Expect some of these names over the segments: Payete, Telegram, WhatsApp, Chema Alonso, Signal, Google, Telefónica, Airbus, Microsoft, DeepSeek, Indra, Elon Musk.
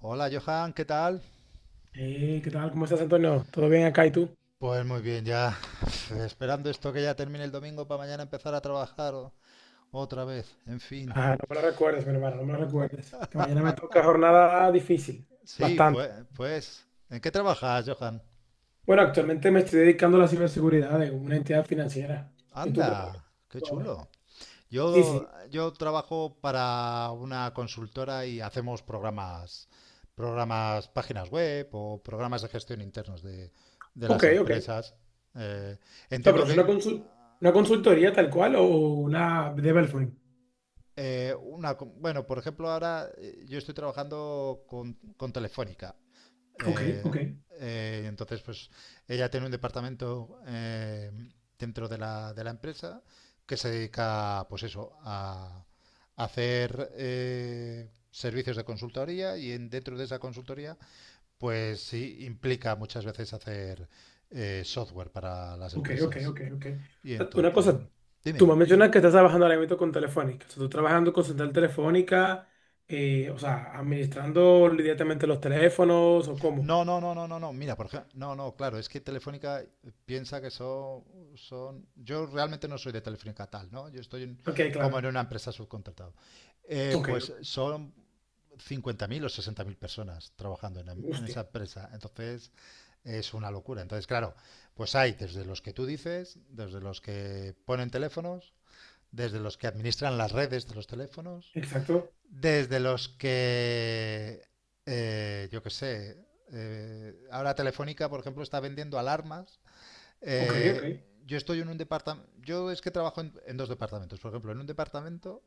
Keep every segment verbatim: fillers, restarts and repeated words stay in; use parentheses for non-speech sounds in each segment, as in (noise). Hola Johan, ¿qué tal? Hey, ¿qué tal? ¿Cómo estás, Antonio? ¿Todo bien acá y tú? Pues muy bien, ya (sighs) esperando esto que ya termine el domingo para mañana empezar a trabajar o- otra vez, en fin. Ah, no me lo recuerdes, mi hermano, no me lo recuerdes. Que mañana me toca jornada difícil, Sí, bastante. pues, pues, ¿en qué trabajas, Johan? Bueno, actualmente me estoy dedicando a la ciberseguridad de una entidad financiera. ¿Y tú qué Anda, qué tal? chulo. Sí, Yo, sí. yo trabajo para una consultora y hacemos programas, programas, páginas web o programas de gestión internos de, de Ok, las ok. O empresas. Eh, sea, Entiendo pero es que... una, consul- una consultoría tal cual o una development. Eh, una, com- bueno, por ejemplo, ahora eh, yo estoy trabajando con, con, Telefónica. Ok, ok. Eh, eh, entonces, pues ella tiene un departamento eh, dentro de la, de la empresa que se dedica, pues eso, a, hacer eh, servicios de consultoría y en, dentro de esa consultoría, pues sí, implica muchas veces hacer eh, software para las Ok, ok, empresas. ok, ok. Y O sea, una entonces, cosa, tú dime. me mencionas que estás trabajando ahora mismo con Telefónica. O sea, tú trabajando con Central Telefónica, eh, o sea, administrando directamente los teléfonos o cómo. No, no, no, no, no, no. Mira, por ejemplo, no, no, claro, es que Telefónica piensa que son, son. Yo realmente no soy de Telefónica tal, ¿no? Yo estoy en- Ok, como en claro. una empresa subcontratado. Eh, Ok, Pues ok. son cincuenta mil o sesenta mil personas trabajando en, em- en esa Hostia. empresa. Entonces, es una locura. Entonces, claro, pues hay desde los que tú dices, desde los que ponen teléfonos, desde los que administran las redes de los teléfonos, Exacto. desde los que, eh, yo qué sé, eh, ahora Telefónica, por ejemplo, está vendiendo alarmas. Ok, ok. Eh, yo estoy en un departamento, yo es que trabajo en, en dos departamentos, por ejemplo, en un departamento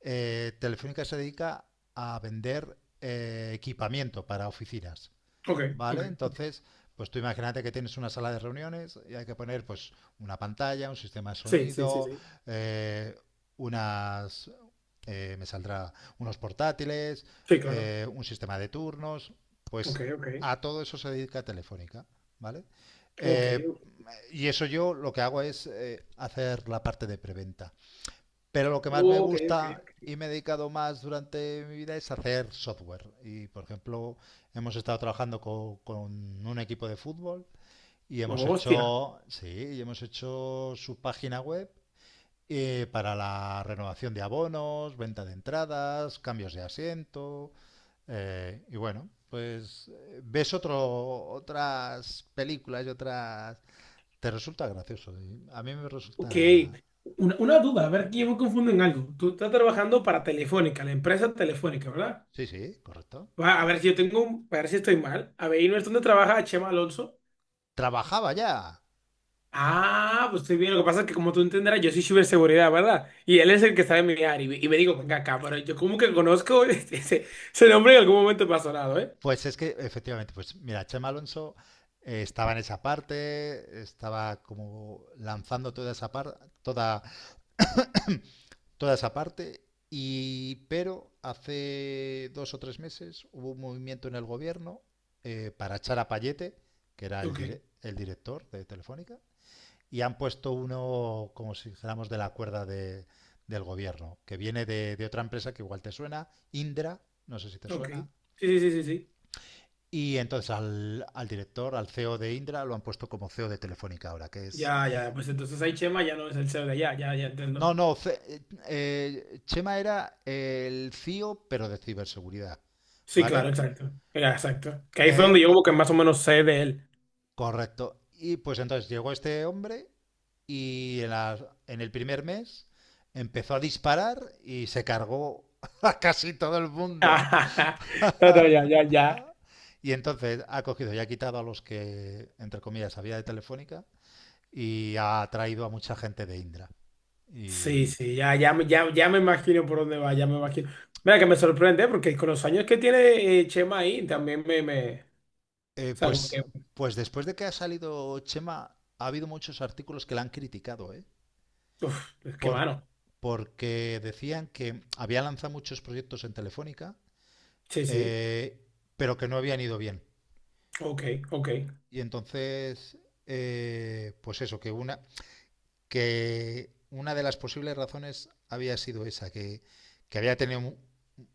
eh, Telefónica se dedica a vender eh, equipamiento para oficinas. Ok, ok. ¿Vale? Entonces, pues tú imagínate que tienes una sala de reuniones y hay que poner pues una pantalla, un sistema de Sí, sí, sí, sonido, sí. eh, unas, eh, me saldrá unos portátiles, Sí, claro. eh, un sistema de turnos, pues Ok, ok. a todo eso se dedica Telefónica, ¿vale? Ok, Eh, y eso yo lo que hago es eh, hacer la parte de preventa. Pero lo que más me ok, ok, gusta ok. y me he dedicado más durante mi vida es hacer software. Y, por ejemplo, hemos estado trabajando co- con, un equipo de fútbol y hemos Hostia. hecho, sí, y hemos hecho su página web eh, para la renovación de abonos, venta de entradas, cambios de asiento. eh, y bueno, pues eh, ves otro, otras películas y otras... Te resulta gracioso. A mí me Ok. resulta... Una, una duda, a ver, que yo me confundo en algo. Tú estás trabajando para Telefónica, la empresa Telefónica, ¿verdad? Sí, sí, correcto. Va, a ver si yo tengo, un- a ver si estoy mal. A ver, ¿y no es donde trabaja Chema Alonso? Trabajaba ya. Ah, pues estoy bien. Lo que pasa es que como tú entenderás, yo soy ciberseguridad, ¿verdad? Y él es el que está en mi área. Y, me y me digo, venga acá, pero yo como que conozco (laughs) ese, ese- ese nombre en algún momento me ha sonado, ¿eh? Pues es que efectivamente, pues mira, Chema Alonso eh, estaba en esa parte, estaba como lanzando toda esa par- toda, toda esa parte, y pero hace dos o tres meses hubo un movimiento en el gobierno eh, para echar a Payete, que era el, Ok, dire- el director de Telefónica, y han puesto uno, como si dijéramos, de la cuerda de- del gobierno, que viene de, de, otra empresa que igual te suena, Indra, no sé si te ok. suena. Sí, sí, sí, sí, sí. Y entonces al, al director, al C E O de Indra, lo han puesto como C E O de Telefónica ahora, que es... Ya, ya, pues entonces ahí Chema ya no es el C E O de allá, ya, ya entiendo. No, no, ce- eh, eh, Chema era el C E O, pero de ciberseguridad, Sí, ¿vale? claro, exacto. Ya, exacto. Que ahí fue Eh, donde yo como que más o menos sé de él. Correcto. Y pues entonces llegó este hombre y en, la- en el primer mes empezó a disparar y se cargó (laughs) a casi todo el mundo. (laughs) No, no, ya, (laughs) ya, ya. Y entonces ha cogido y ha quitado a los que, entre comillas, había de Telefónica y ha traído a mucha gente de Indra. Sí, Y, sí, ya, ya, me- ya, ya me imagino por dónde va, ya me imagino. Mira que me sorprende porque con los años que tiene eh, Chema ahí también me, me, o eh, sea, como pues, que, pues después de que ha salido Chema, ha habido muchos artículos que la han criticado, ¿eh? uf, es que Por, mano. Porque decían que había lanzado muchos proyectos en Telefónica, Sí, sí, eh, pero que no habían ido bien. ok, ok. Y entonces, eh, pues eso, que una, que una de las posibles razones había sido esa, que, que había tenido un,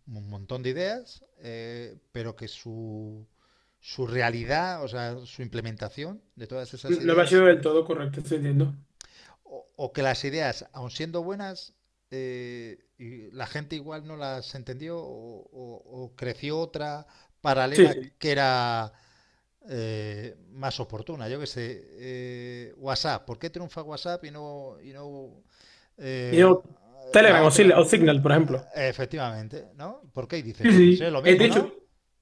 un montón de ideas, eh, pero que su, su realidad, o sea, su implementación de todas esas No no me ha ideas, sido del todo correcto, estoy entiendo. o, o que las ideas, aun siendo buenas, eh, y la gente igual no las entendió o, o- o creció otra Sí, paralela sí. que era eh, más oportuna. Yo que sé, eh, WhatsApp, ¿por qué triunfa WhatsApp y no, y no Y eh, no, la Telegram o, Sil- o otra? Signal, por ejemplo. Eh, Efectivamente, ¿no? ¿Por qué? Y dices Sí, tú, pues es sí. lo He mismo, dicho, ¿no?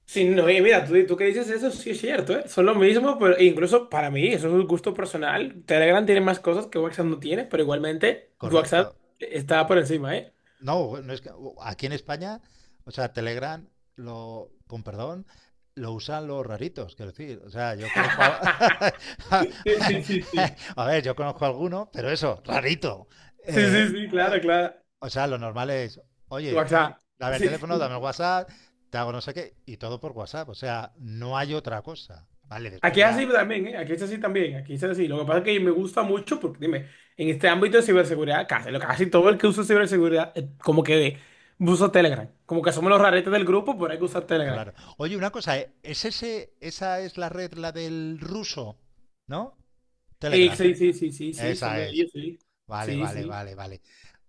sí, no, y mira, tú, tú que dices eso, sí es cierto, ¿eh? Son lo mismo, pero e incluso para mí, eso es un gusto personal. Telegram tiene más cosas que WhatsApp no tiene, pero igualmente Correcto. WhatsApp está por encima, ¿eh? No, no es que, aquí en España, o sea, Telegram, lo, con perdón, lo usan los raritos, quiero decir. O sea, yo conozco a... (laughs) (laughs) Sí, sí, sí, sí. a ver, yo conozco a alguno, pero eso, rarito. Sí, Eh, sí, sí, claro, claro. O sea, lo normal es, O oye, sea, dame el sí, teléfono, dame el sí. WhatsApp, te hago no sé qué, y todo por WhatsApp. O sea, no hay otra cosa. Vale, después Aquí es ya, así también, ¿eh? Aquí es así también, aquí es así. Lo que pasa es que me gusta mucho porque, dime, en este ámbito de ciberseguridad, casi, lo- casi todo el que usa ciberseguridad, eh, como que usa Telegram. Como que somos los raretes del grupo, pero hay que usar Telegram. claro. Oye, una cosa, ¿eh? ¿es ese, esa es la red, la del ruso, ¿no? Eh, Telegram. Sí, sí, sí, sí, sí, son Esa de es. ellos, sí. Vale, Sí, vale, sí. vale, vale.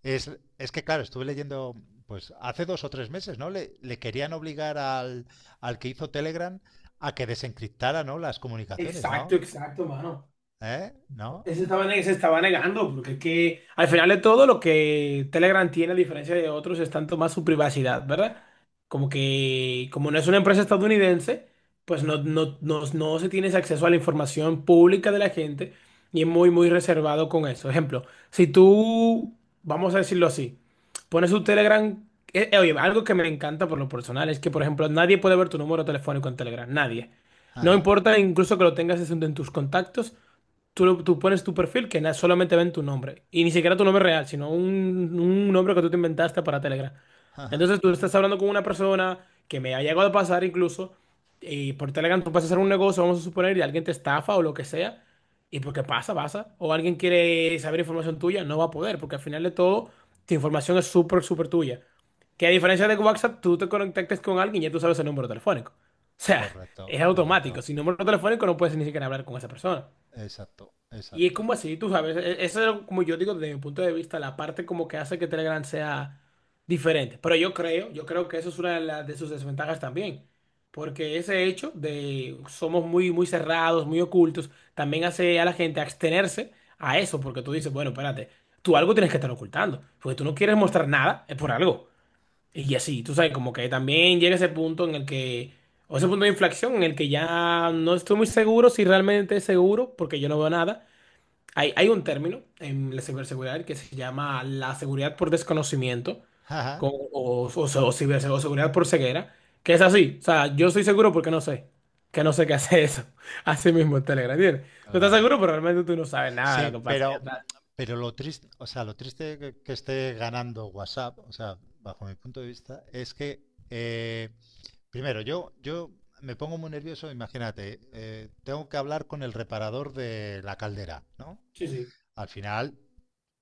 Es, es que, claro, estuve leyendo, pues hace dos o tres meses, ¿no? Le, le querían obligar al, al que hizo Telegram a que desencriptara, ¿no? Las comunicaciones, Exacto, ¿no? exacto, mano. ¿Eh? ¿No? Se estaba, ne- se estaba negando, porque es que al final de todo lo que Telegram tiene, a diferencia de otros, es tanto más su privacidad, ¿verdad? Como que, como no es una empresa estadounidense, pues no, no, no, no se tiene ese acceso a la información pública de la gente y es muy, muy reservado con eso. Ejemplo, si tú, vamos a decirlo así, pones tu Telegram, eh, eh, oye, algo que me encanta por lo personal es que, por ejemplo, nadie puede ver tu número telefónico en Telegram, nadie. No Ajá, importa incluso que lo tengas en tus contactos. Tú, lo- tú pones tu perfil que na- solamente ven tu nombre. Y ni siquiera tu nombre real, sino un, un nombre que tú te inventaste para Telegram. ajá. Entonces tú estás hablando con una persona que me ha llegado a pasar incluso. Y por Telegram tú vas a hacer un negocio, vamos a suponer, y alguien te estafa o lo que sea. Y porque pasa, pasa. O alguien quiere saber información tuya, no va a poder, porque al final de todo, tu información es súper, súper tuya. Que a diferencia de WhatsApp, tú te conectas con alguien y ya tú sabes el número telefónico. O sea, es Correcto, correcto. automático. Sin número telefónico no puedes ni siquiera hablar con esa persona. Exacto, Y es exacto. como así, tú sabes, e- eso es como yo digo desde mi punto de vista, la parte como que hace que Telegram sea diferente. Pero yo creo, yo creo que eso es una de, las- de sus desventajas también. Porque ese hecho de somos muy, muy cerrados, muy ocultos, también hace a la gente abstenerse a eso, porque tú dices, bueno, espérate, tú algo tienes que estar ocultando, porque tú no quieres mostrar nada, es por algo. Y así, tú sabes, como que también llega ese punto en el que, o ese punto de inflexión en el que ya no estoy muy seguro si realmente es seguro, porque yo no veo nada. Hay, hay un término en la ciberseguridad que se llama la seguridad por desconocimiento Ajá, con- o, o, o ciberse- o seguridad por ceguera, que es así. O sea, yo estoy seguro porque no sé, que no sé qué hace eso. (laughs) Así mismo en Telegram, ¿entiendes? Tú estás claro. seguro, pero realmente tú no sabes nada Sí, de lo que pasa allá pero, atrás. pero lo triste, o sea, lo triste que, que esté ganando WhatsApp, o sea, bajo mi punto de vista, es que eh, primero yo, yo me pongo muy nervioso. Imagínate, eh, tengo que hablar con el reparador de la caldera, ¿no? Sí, sí, Al final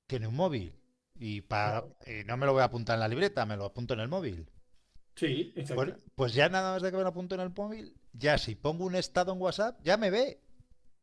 tiene un móvil y, para, claro. y no me lo voy a apuntar en la libreta, me lo apunto en el móvil. Sí, Pues, exacto. pues ya nada más de que me lo apunto en el móvil, ya si pongo un estado en WhatsApp, ya me ve.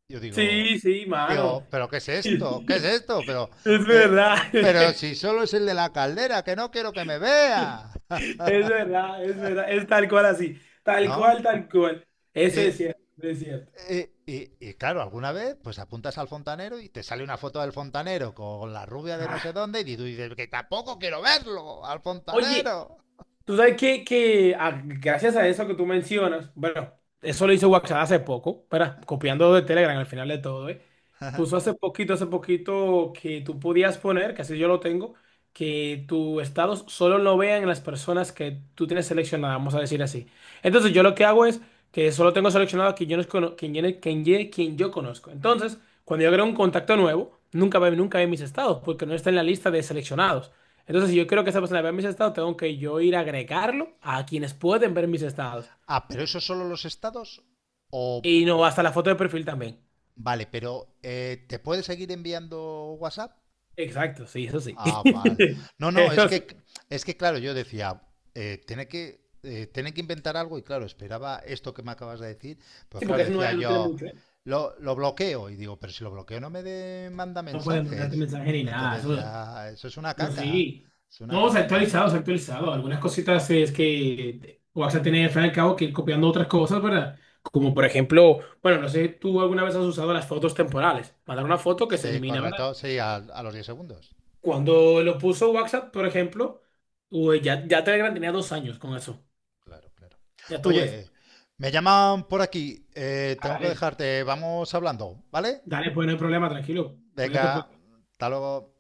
Yo digo, Sí, sí, mano. digo, pero ¿qué es esto? ¿Qué es (laughs) esto? Pero, Es eh, verdad. pero (laughs) si solo es el de la caldera, que no quiero que me vea. Es (laughs) verdad, es verdad. Es tal cual así. Tal ¿No? cual, tal cual. Eso Eh, es cierto, es cierto. eh, y, y claro, alguna vez pues apuntas al fontanero y te sale una foto del fontanero con la rubia de no sé Ah. dónde y tú dices que tampoco quiero verlo al Oye, fontanero. tú sabes que, que a- gracias a eso que tú mencionas, bueno, eso lo hizo WhatsApp hace poco, espera, copiando de Telegram al final de todo, ¿eh? (laughs) ah, Puso hace poquito, hace poquito que tú podías poner, que así yo lo tengo, que tus estados solo lo vean las personas que tú tienes seleccionadas, vamos a decir así. Entonces yo lo que hago es que solo tengo seleccionado a quien yo, no cono- quien, yo- quien, yo- quien yo conozco. Entonces, cuando yo creo un contacto nuevo, nunca ve, nunca ve mis estados, porque no está en la lista de seleccionados. Entonces, si yo quiero que esa persona vea mis estados, tengo que yo ir a agregarlo a quienes pueden ver mis estados. pero eso solo los estados o Y no hasta la foto de perfil también. Vale, pero eh, ¿te puede seguir enviando WhatsApp? Exacto, sí, eso sí. Ah, vale. (laughs) No, no, es Eso sí. que, es que claro, yo decía, eh, tiene que, eh, tiene que inventar algo y claro, esperaba esto que me acabas de decir, pero Sí, claro, porque eso no, decía es- no tiene yo, mucho, ¿eh? lo, lo bloqueo y digo, pero si lo bloqueo no me de- manda No pueden mandarte mensajes. mensaje ni nada. Entonces Eso, ya, eso es una no, caca, sí. es una No, se ha caca. actualizado, se ha actualizado. Algunas cositas es que WhatsApp tiene al fin y al cabo que ir copiando otras cosas, ¿verdad? Como por ejemplo, bueno, no sé, tú alguna vez has usado las fotos temporales. Mandar una foto que se Sí, elimina. correcto, sí, a, a los diez segundos. Cuando lo puso WhatsApp, por ejemplo, uy, ya, ya Telegram tenía dos años con eso. Claro, claro. Ya tú ves. Oye, me llaman por aquí, eh, Ah, tengo que dale, dejarte, vamos hablando, ¿vale? dale, pues no hay problema, tranquilo. Cuídate, pues. Venga, hasta luego.